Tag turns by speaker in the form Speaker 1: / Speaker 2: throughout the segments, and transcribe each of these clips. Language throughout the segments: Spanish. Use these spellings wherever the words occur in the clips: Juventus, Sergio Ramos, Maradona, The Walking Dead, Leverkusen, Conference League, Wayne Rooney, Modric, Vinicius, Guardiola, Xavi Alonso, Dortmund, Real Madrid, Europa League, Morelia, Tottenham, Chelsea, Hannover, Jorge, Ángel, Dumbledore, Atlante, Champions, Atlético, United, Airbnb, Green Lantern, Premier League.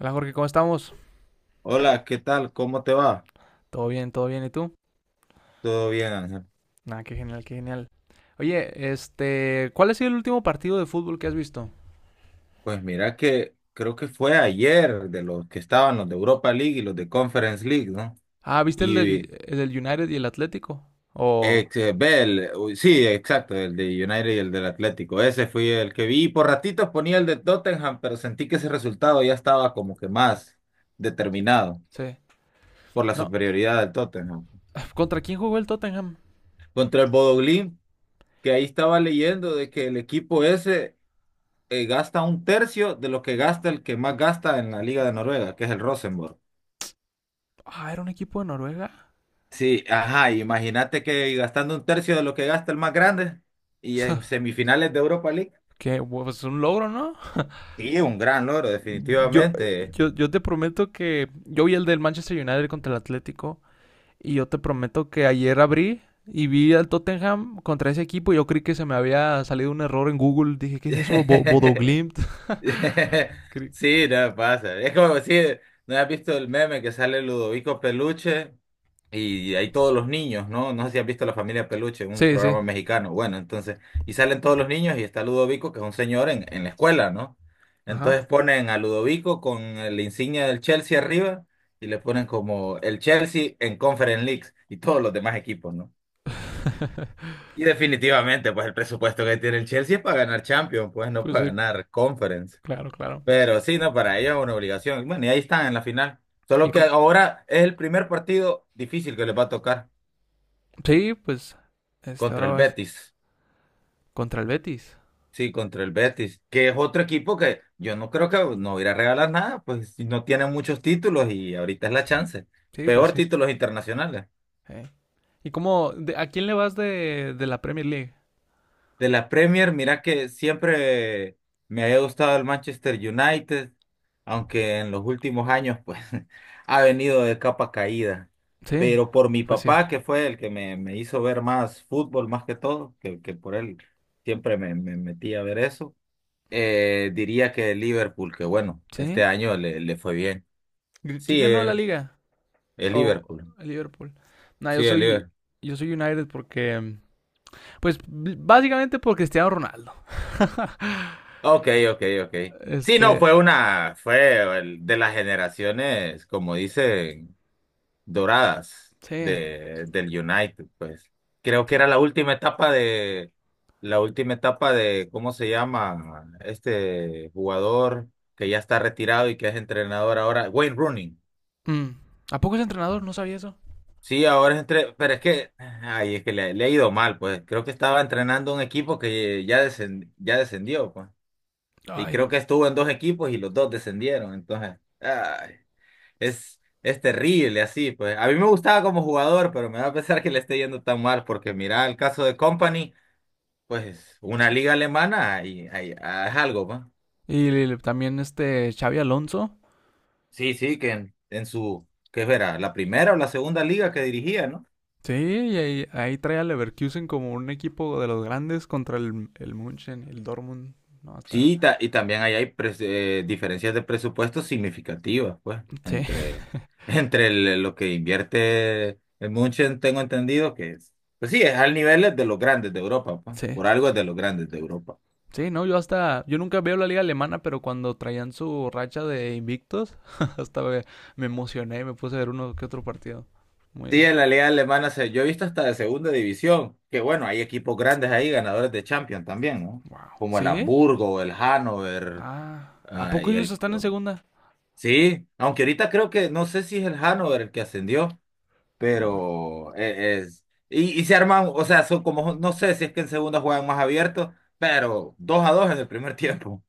Speaker 1: Hola Jorge, ¿cómo estamos?
Speaker 2: Hola, ¿qué tal? ¿Cómo te va?
Speaker 1: Todo bien, ¿y tú?
Speaker 2: ¿Todo bien, Ángel?
Speaker 1: Ah, qué genial, qué genial. Oye, ¿cuál ha sido el último partido de fútbol que has visto?
Speaker 2: Pues mira que creo que fue ayer de los que estaban los de Europa League y los de Conference League, ¿no?
Speaker 1: Ah, ¿viste el
Speaker 2: Y
Speaker 1: del, el del United y el Atlético? O,
Speaker 2: ex, ve el- uy, sí, exacto, el de United y el del Atlético. Ese fue el que vi. Y por ratitos ponía el de Tottenham, pero sentí que ese resultado ya estaba como que más determinado
Speaker 1: sí.
Speaker 2: por la
Speaker 1: No,
Speaker 2: superioridad del Tottenham.
Speaker 1: ¿contra quién jugó el Tottenham?
Speaker 2: Contra el Bodoglín, que ahí estaba leyendo de que el equipo ese gasta un tercio de lo que gasta el que más gasta en la Liga de Noruega, que es el Rosenborg.
Speaker 1: Ah, era un equipo de Noruega.
Speaker 2: Sí, ajá, imagínate que gastando un tercio de lo que gasta el más grande y en semifinales de Europa League.
Speaker 1: Qué, pues un logro, ¿no?
Speaker 2: Sí, un gran logro,
Speaker 1: Yo,
Speaker 2: definitivamente.
Speaker 1: yo te prometo que yo vi el del Manchester United contra el Atlético. Y yo te prometo que ayer abrí y vi al Tottenham contra ese equipo. Y yo creí que se me había salido un error en Google. Dije, ¿qué es eso? Bodoglimt.
Speaker 2: Sí, no pasa. Es como si no has visto el meme que sale Ludovico Peluche. Y hay todos los niños, ¿no? No sé si has visto La Familia Peluche, un
Speaker 1: Sí, sí.
Speaker 2: programa mexicano. Bueno, entonces, y salen todos los niños y está Ludovico, que es un señor en la escuela, ¿no?
Speaker 1: Ajá.
Speaker 2: Entonces ponen a Ludovico con la insignia del Chelsea arriba y le ponen como el Chelsea en Conference Leagues y todos los demás equipos, ¿no? Y definitivamente, pues el presupuesto que tiene el Chelsea es para ganar Champions, pues no
Speaker 1: Pues
Speaker 2: para
Speaker 1: sí,
Speaker 2: ganar Conference.
Speaker 1: claro, claro.
Speaker 2: Pero sí, no, para ellos es una obligación. Bueno, y ahí están en la final. Solo
Speaker 1: Y
Speaker 2: que
Speaker 1: co-
Speaker 2: ahora es el primer partido difícil que les va a tocar.
Speaker 1: sí, pues
Speaker 2: Contra
Speaker 1: ahora
Speaker 2: el
Speaker 1: vas
Speaker 2: Betis.
Speaker 1: contra el Betis.
Speaker 2: Sí, contra el Betis, que es otro equipo que yo no creo que no irá a regalar nada, pues si no tiene muchos títulos y ahorita es la chance.
Speaker 1: Sí, pues
Speaker 2: Peor
Speaker 1: sí.
Speaker 2: títulos internacionales.
Speaker 1: Eh. ¿Y a quién le vas de la Premier League?
Speaker 2: De la Premier, mira que siempre me había gustado el Manchester United, aunque en los últimos años pues ha venido de capa caída.
Speaker 1: Sí,
Speaker 2: Pero por mi
Speaker 1: pues sí.
Speaker 2: papá, que fue el que me hizo ver más fútbol más que todo, que por él siempre me metí a ver eso. Diría que el Liverpool, que bueno, este
Speaker 1: ¿Sí?
Speaker 2: año le fue bien.
Speaker 1: ¿Y
Speaker 2: Sí,
Speaker 1: quién ganó la liga?
Speaker 2: el
Speaker 1: O
Speaker 2: Liverpool.
Speaker 1: el Liverpool. No, yo
Speaker 2: Sí, el
Speaker 1: soy
Speaker 2: Liverpool.
Speaker 1: yo soy United porque pues básicamente por Cristiano Ronaldo.
Speaker 2: Ok, ok, ok. Sí, no,
Speaker 1: Este,
Speaker 2: fue de las generaciones, como dicen, doradas
Speaker 1: sí.
Speaker 2: del United, pues. Creo que era la última etapa de, ¿cómo se llama? Este jugador que ya está retirado y que es entrenador ahora, Wayne Rooney.
Speaker 1: Mm. ¿A poco es entrenador? No sabía eso.
Speaker 2: Sí, ahora pero es que, ay, es que le ha ido mal, pues. Creo que estaba entrenando un equipo que ya descendió, pues. Y
Speaker 1: Ay.
Speaker 2: creo que estuvo en dos equipos y los dos descendieron. Entonces, ay, es terrible así, pues. A mí me gustaba como jugador, pero me da a pesar que le esté yendo tan mal, porque mira el caso de Company, pues una liga alemana y, ay, ah, es algo, pues.
Speaker 1: Y también Xavi Alonso.
Speaker 2: Sí, sí, que en su, ¿qué era? ¿La primera o la segunda liga que dirigía, ¿no?
Speaker 1: Sí, y ahí trae a Leverkusen como un equipo de los grandes contra el Munchen, el Dortmund. No, hasta.
Speaker 2: Sí, y también ahí hay diferencias de presupuesto significativas, pues,
Speaker 1: Sí,
Speaker 2: entre, lo que invierte el München tengo entendido que es, pues sí, es al nivel de los grandes de Europa, pues,
Speaker 1: sí.
Speaker 2: por algo es de los grandes de Europa.
Speaker 1: Sí, no, yo hasta. Yo nunca veo la liga alemana, pero cuando traían su racha de invictos, hasta me emocioné, me puse a ver uno que otro partido.
Speaker 2: Sí,
Speaker 1: Muy.
Speaker 2: en la liga alemana se, yo he visto hasta de segunda división, que bueno, hay equipos grandes ahí, ganadores de Champions también, ¿no?
Speaker 1: Wow.
Speaker 2: Como el
Speaker 1: ¿Sí?
Speaker 2: Hamburgo, el Hannover,
Speaker 1: Ah. ¿A poco
Speaker 2: y
Speaker 1: ellos
Speaker 2: el...
Speaker 1: están en segunda?
Speaker 2: Sí, aunque ahorita creo que, no sé si es el Hannover el que ascendió.
Speaker 1: Uy.
Speaker 2: Pero e- es, y se arman, o sea, son como, no sé si es que en segundo juegan más abiertos, pero 2-2 en el primer tiempo.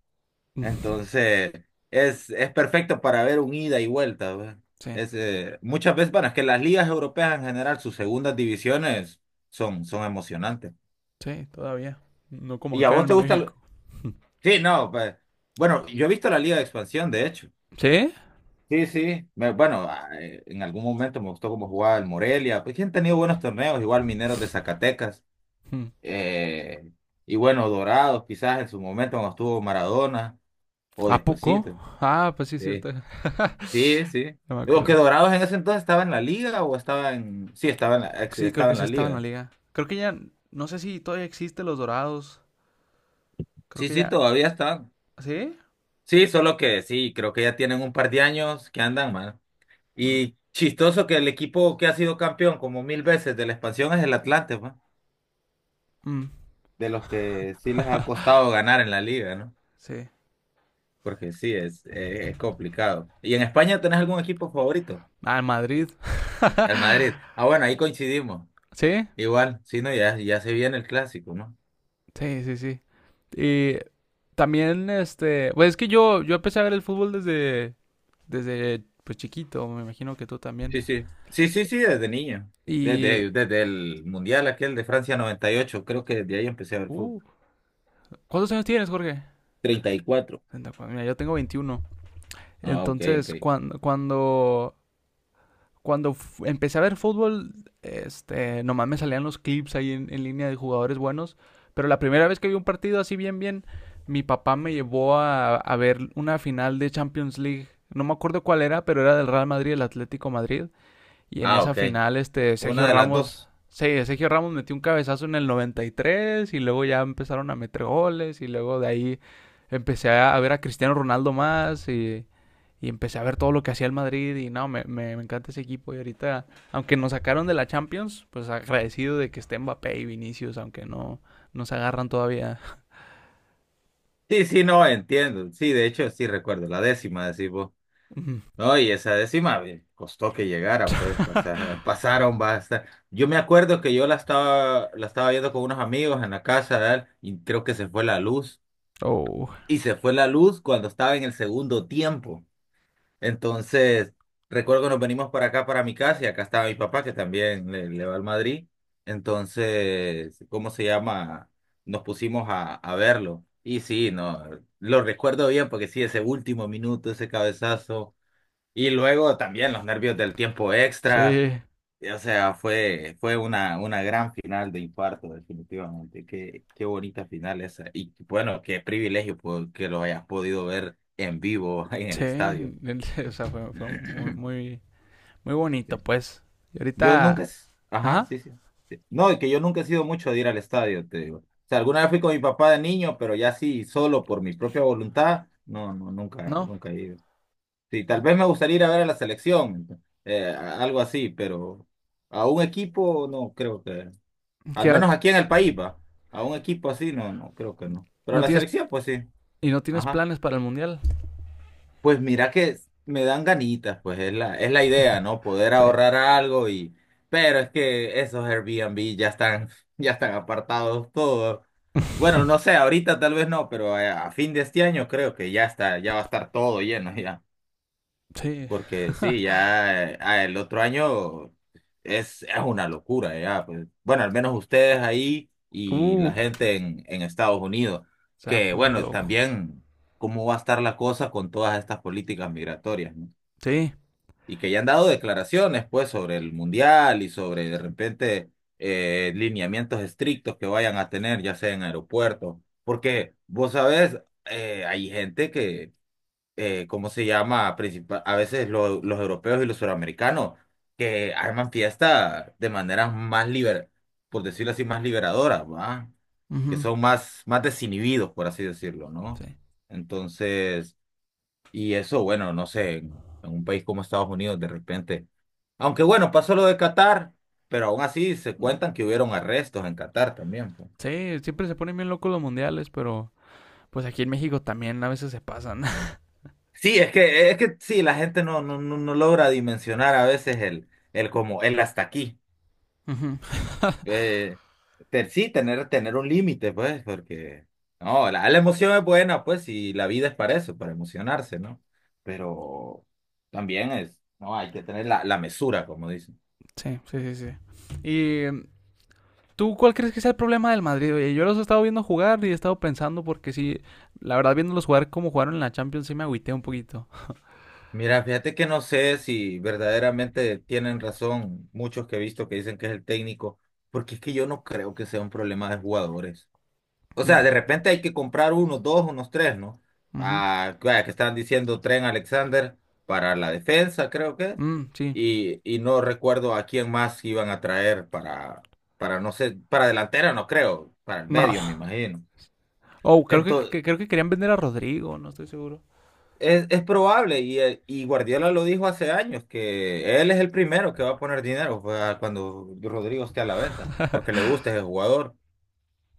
Speaker 2: Entonces, es perfecto para ver un ida y vuelta, ¿verdad?
Speaker 1: Sí,
Speaker 2: Muchas veces, bueno, es que las ligas europeas en general, sus segundas divisiones son, son emocionantes.
Speaker 1: sí, todavía. No como
Speaker 2: ¿Y a
Speaker 1: acá
Speaker 2: vos
Speaker 1: en
Speaker 2: te gusta?
Speaker 1: México.
Speaker 2: Sí, no, pues, bueno, yo he visto la liga de expansión, de hecho.
Speaker 1: ¿Sí?
Speaker 2: Sí, sí, en algún momento me gustó cómo jugaba el Morelia, pues que han tenido buenos torneos, igual Mineros de Zacatecas.
Speaker 1: Mm.
Speaker 2: eh, y bueno, Dorados quizás en su momento cuando estuvo Maradona o
Speaker 1: ¿A poco?
Speaker 2: despuesito.
Speaker 1: Ah, pues sí, es
Speaker 2: Sí,
Speaker 1: cierto.
Speaker 2: sí, sí.
Speaker 1: No me
Speaker 2: Digo que
Speaker 1: acordé.
Speaker 2: Dorados en ese entonces estaba en la liga o estaba en... Sí, estaba en
Speaker 1: Sí, creo
Speaker 2: estaba
Speaker 1: que
Speaker 2: en
Speaker 1: sí
Speaker 2: la
Speaker 1: estaba en la
Speaker 2: liga.
Speaker 1: liga. Creo que ya. No sé si todavía existe los Dorados. Creo
Speaker 2: Sí,
Speaker 1: que
Speaker 2: sí,
Speaker 1: ya.
Speaker 2: todavía están.
Speaker 1: ¿Sí?
Speaker 2: Sí, solo que sí, creo que ya tienen un par de años que andan mal.
Speaker 1: Mm,
Speaker 2: Y chistoso que el equipo que ha sido campeón como mil veces de la expansión es el Atlante, man,
Speaker 1: mm,
Speaker 2: de los que sí les ha costado ganar en la liga, ¿no?
Speaker 1: sí.
Speaker 2: Porque sí, es complicado. ¿Y en España tenés algún equipo favorito?
Speaker 1: Ah, en Madrid.
Speaker 2: El Madrid. Ah, bueno, ahí coincidimos.
Speaker 1: ¿Sí?
Speaker 2: Igual, sí, no, ya, ya se viene el clásico, ¿no?
Speaker 1: Sí, sí, sí. Y también. Pues es que yo empecé a ver el fútbol desde pues chiquito. Me imagino que tú también.
Speaker 2: Sí, sí. Sí, sí, sí, desde niño.
Speaker 1: Y.
Speaker 2: Desde el Mundial aquel de Francia 98 creo que desde ahí empecé a ver fútbol.
Speaker 1: Uh, ¿cuántos años tienes, Jorge?
Speaker 2: 34.
Speaker 1: Mira, yo tengo 21.
Speaker 2: Ah, ok, ok.
Speaker 1: Entonces, cuando empecé a ver fútbol, nomás me salían los clips ahí en línea de jugadores buenos. Pero la primera vez que vi un partido así bien, bien, mi papá me llevó a ver una final de Champions League. No me acuerdo cuál era, pero era del Real Madrid, el Atlético Madrid. Y en
Speaker 2: Ah,
Speaker 1: esa
Speaker 2: ok.
Speaker 1: final,
Speaker 2: Una de las dos.
Speaker 1: Sí, Sergio Ramos metió un cabezazo en el 93 y tres y luego ya empezaron a meter goles, y luego de ahí empecé a ver a Cristiano Ronaldo más y empecé a ver todo lo que hacía el Madrid y no, me encanta ese equipo. Y ahorita, aunque nos sacaron de la Champions, pues agradecido de que esté Mbappé y Vinicius, aunque no, no se agarran todavía.
Speaker 2: Sí, sí, no, entiendo. Sí, de hecho, sí recuerdo. La décima, decís vos. No, y esa décima costó que llegara, pues pasar, pasaron basta. Yo me acuerdo que yo la estaba viendo con unos amigos en la casa de él y creo que se fue la luz.
Speaker 1: Oh,
Speaker 2: Y se fue la luz cuando estaba en el segundo tiempo. Entonces, recuerdo que nos venimos para acá, para mi casa, y acá estaba mi papá, que también le va al Madrid. Entonces, ¿cómo se llama? Nos pusimos a verlo. Y sí, no, lo recuerdo bien porque sí, ese último minuto, ese cabezazo. Y luego también los nervios del tiempo extra.
Speaker 1: sí,
Speaker 2: Y, o sea, fue una gran final de infarto, definitivamente. Qué, qué bonita final esa. Y bueno, qué privilegio que lo hayas podido ver en vivo en el
Speaker 1: sí,
Speaker 2: estadio.
Speaker 1: o sea, fue muy, muy bonito
Speaker 2: Sí.
Speaker 1: pues. Y
Speaker 2: Yo nunca.
Speaker 1: ahorita,
Speaker 2: Ajá,
Speaker 1: ajá,
Speaker 2: sí, sí. Sí. No, y que yo nunca he sido mucho de ir al estadio, te digo. O sea, alguna vez fui con mi papá de niño, pero ya sí, solo por mi propia voluntad. No, no, nunca,
Speaker 1: no,
Speaker 2: nunca he ido. Sí, tal vez me gustaría ir a ver a la selección, algo así, pero a un equipo no creo que, al
Speaker 1: ¿qué?
Speaker 2: menos aquí en el país, va, a un equipo así no, no creo que no. Pero a
Speaker 1: ¿No
Speaker 2: la
Speaker 1: tienes,
Speaker 2: selección, pues sí.
Speaker 1: ¿Y no tienes
Speaker 2: Ajá.
Speaker 1: planes para el mundial?
Speaker 2: Pues mira que me dan ganitas, pues es la idea, ¿no? Poder
Speaker 1: Sí.
Speaker 2: ahorrar algo y, pero es que esos Airbnb ya están apartados todos. Bueno, no sé, ahorita tal vez no, pero a fin de este año creo que ya está, ya va a estar todo lleno ya.
Speaker 1: Sí.
Speaker 2: Porque sí, ya el otro año es una locura, ya, pues. Bueno, al menos ustedes ahí y
Speaker 1: Uh,
Speaker 2: la gente en Estados Unidos,
Speaker 1: se va a
Speaker 2: que
Speaker 1: poner
Speaker 2: bueno,
Speaker 1: loco.
Speaker 2: también cómo va a estar la cosa con todas estas políticas migratorias, ¿no?
Speaker 1: Sí.
Speaker 2: Y que ya han dado declaraciones, pues, sobre el mundial y sobre de repente lineamientos estrictos que vayan a tener, ya sea en aeropuertos, porque vos sabés, hay gente que ¿cómo se llama? Principal, a veces los europeos y los suramericanos que arman fiesta de maneras más por decirlo así, más liberadoras, ¿va? Que
Speaker 1: Ujú.
Speaker 2: son más, más desinhibidos, por así decirlo, ¿no?
Speaker 1: Sí.
Speaker 2: Entonces, y eso, bueno, no sé, en un país como Estados Unidos, de repente, aunque bueno, pasó lo de Qatar, pero aún así se
Speaker 1: Mm.
Speaker 2: cuentan que hubieron arrestos en Qatar también, pues.
Speaker 1: Sí, siempre se ponen bien locos los mundiales, pero pues aquí en México también a veces se pasan.
Speaker 2: Sí, es que sí, la gente no, no logra dimensionar a veces el como el hasta aquí.
Speaker 1: Ujú.
Speaker 2: Eh, sí, tener un límite, pues, porque no, la emoción es buena, pues, y la vida es para eso, para emocionarse, ¿no? Pero también es, no, hay que tener la mesura, como dicen.
Speaker 1: Sí, sí, sí, sí. ¿Y tú cuál crees que sea el problema del Madrid? Oye, yo los he estado viendo jugar y he estado pensando, porque sí, la verdad viéndolos jugar como jugaron en la Champions sí me agüité un poquito.
Speaker 2: Mira, fíjate que no sé si verdaderamente tienen razón muchos que he visto que dicen que es el técnico, porque es que yo no creo que sea un problema de jugadores. O
Speaker 1: Mm,
Speaker 2: sea, de repente hay que comprar unos dos, unos tres, ¿no?
Speaker 1: ujú.
Speaker 2: Ah, vaya, que están diciendo Tren Alexander para la defensa, creo que.
Speaker 1: Mm, sí.
Speaker 2: Y no recuerdo a quién más iban a traer para, no sé, para delantera, no creo, para el medio, me
Speaker 1: No.
Speaker 2: imagino.
Speaker 1: Oh, creo que,
Speaker 2: Entonces,
Speaker 1: que- creo que querían vender a Rodrigo, no estoy seguro.
Speaker 2: es probable, y Guardiola lo dijo hace años, que él es el primero que va a poner dinero, pues, cuando Rodrigo esté a la venta, porque le gusta ese jugador.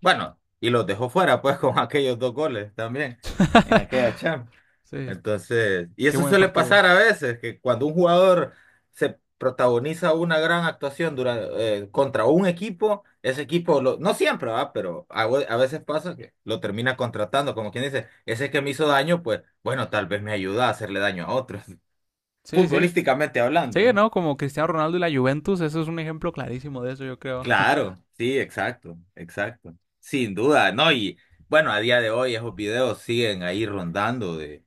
Speaker 2: Bueno, y los dejó fuera, pues, con aquellos dos goles también, en aquella Champions.
Speaker 1: Sí,
Speaker 2: Entonces, y
Speaker 1: qué
Speaker 2: eso
Speaker 1: buen
Speaker 2: suele
Speaker 1: partido.
Speaker 2: pasar a veces, que cuando un jugador se protagoniza una gran actuación durante, contra un equipo, ese equipo, no siempre, ¿va? Pero a, a veces pasa que lo termina contratando, como quien dice, ese que me hizo daño, pues bueno, tal vez me ayuda a hacerle daño a otros,
Speaker 1: Sí, sí.
Speaker 2: futbolísticamente
Speaker 1: Sí,
Speaker 2: hablando, ¿no?
Speaker 1: ¿no? Como Cristiano Ronaldo y la Juventus, eso es un ejemplo clarísimo de eso, yo creo.
Speaker 2: Claro, sí, exacto, exacto. Sin duda, ¿no? Y bueno, a día de hoy esos videos siguen ahí rondando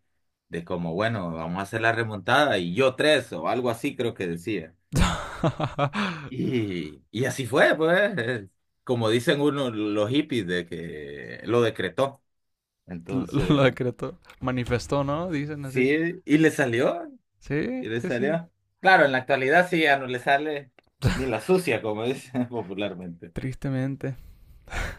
Speaker 2: de como, bueno, vamos a hacer la remontada y yo tres o algo así creo que decía. Y así fue, pues, como dicen uno, los hippies de que lo decretó.
Speaker 1: Lo
Speaker 2: Entonces,
Speaker 1: decretó, manifestó, ¿no? Dicen así.
Speaker 2: sí, y le salió, y
Speaker 1: Sí,
Speaker 2: le
Speaker 1: sí, sí.
Speaker 2: salió. Claro, en la actualidad sí ya no le sale ni la sucia, como dicen popularmente.
Speaker 1: Tristemente.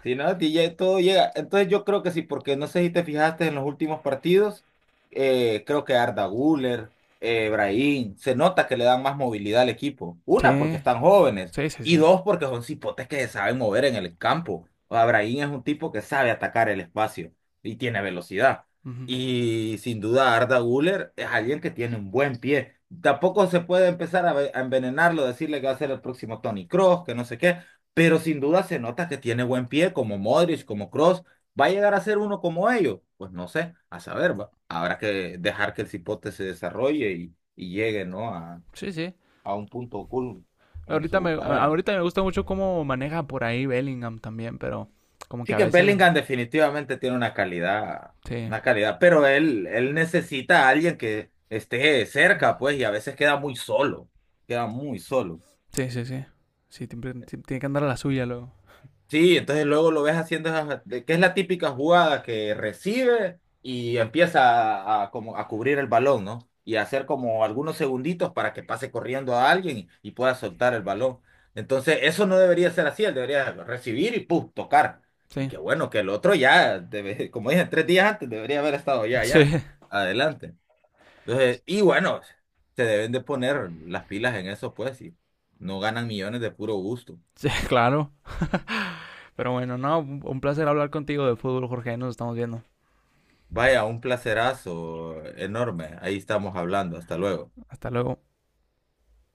Speaker 2: Sí, no, y ya todo llega. Entonces yo creo que sí, porque no sé si te fijaste en los últimos partidos, creo que Arda Güler, Brahim, se nota que le dan más movilidad al equipo. Una, porque
Speaker 1: Sí,
Speaker 2: están jóvenes,
Speaker 1: sí, sí,
Speaker 2: y
Speaker 1: sí.
Speaker 2: dos, porque son cipotes que se saben mover en el campo. O sea, Brahim es un tipo que sabe atacar el espacio y tiene velocidad.
Speaker 1: Ujú.
Speaker 2: Y sin duda Arda Güler es alguien que tiene un buen pie. Tampoco se puede empezar a, a envenenarlo, decirle que va a ser el próximo Tony Cross, que no sé qué, pero sin duda se nota que tiene buen pie, como Modric, como Cross. ¿Va a llegar a ser uno como ellos? Pues no sé, a saber, va. Habrá que dejar que el cipote se desarrolle y llegue, ¿no? A
Speaker 1: Sí, sí.
Speaker 2: a un punto cool en
Speaker 1: Ahorita me,
Speaker 2: su
Speaker 1: a-
Speaker 2: carrera.
Speaker 1: ahorita me gusta mucho cómo maneja por ahí Bellingham también, pero como que
Speaker 2: Sí
Speaker 1: a
Speaker 2: que
Speaker 1: veces.
Speaker 2: Bellingham definitivamente tiene una calidad,
Speaker 1: Sí,
Speaker 2: una calidad, pero él necesita a alguien que esté cerca, pues, y a veces queda muy solo, queda muy solo.
Speaker 1: sí, sí, sí. Sí, sí, tiene que andar a la suya luego.
Speaker 2: Sí, entonces luego lo ves haciendo esas- de- que es la típica jugada que recibe y empieza a como a cubrir el balón, ¿no? Y a hacer como algunos segunditos para que pase corriendo a alguien y pueda soltar el balón. Entonces, eso no debería ser así, él debería recibir y ¡pum! Tocar. Y
Speaker 1: Sí,
Speaker 2: qué bueno que el otro ya, como dije, 3 días antes debería haber estado
Speaker 1: sí,
Speaker 2: adelante. Entonces, y bueno, se deben de poner las pilas en eso, pues, y no ganan millones de puro gusto.
Speaker 1: sí, claro. Pero bueno, no, un placer hablar contigo de fútbol, Jorge. Nos estamos viendo.
Speaker 2: Vaya, un placerazo enorme. Ahí estamos hablando. Hasta luego.
Speaker 1: Hasta luego.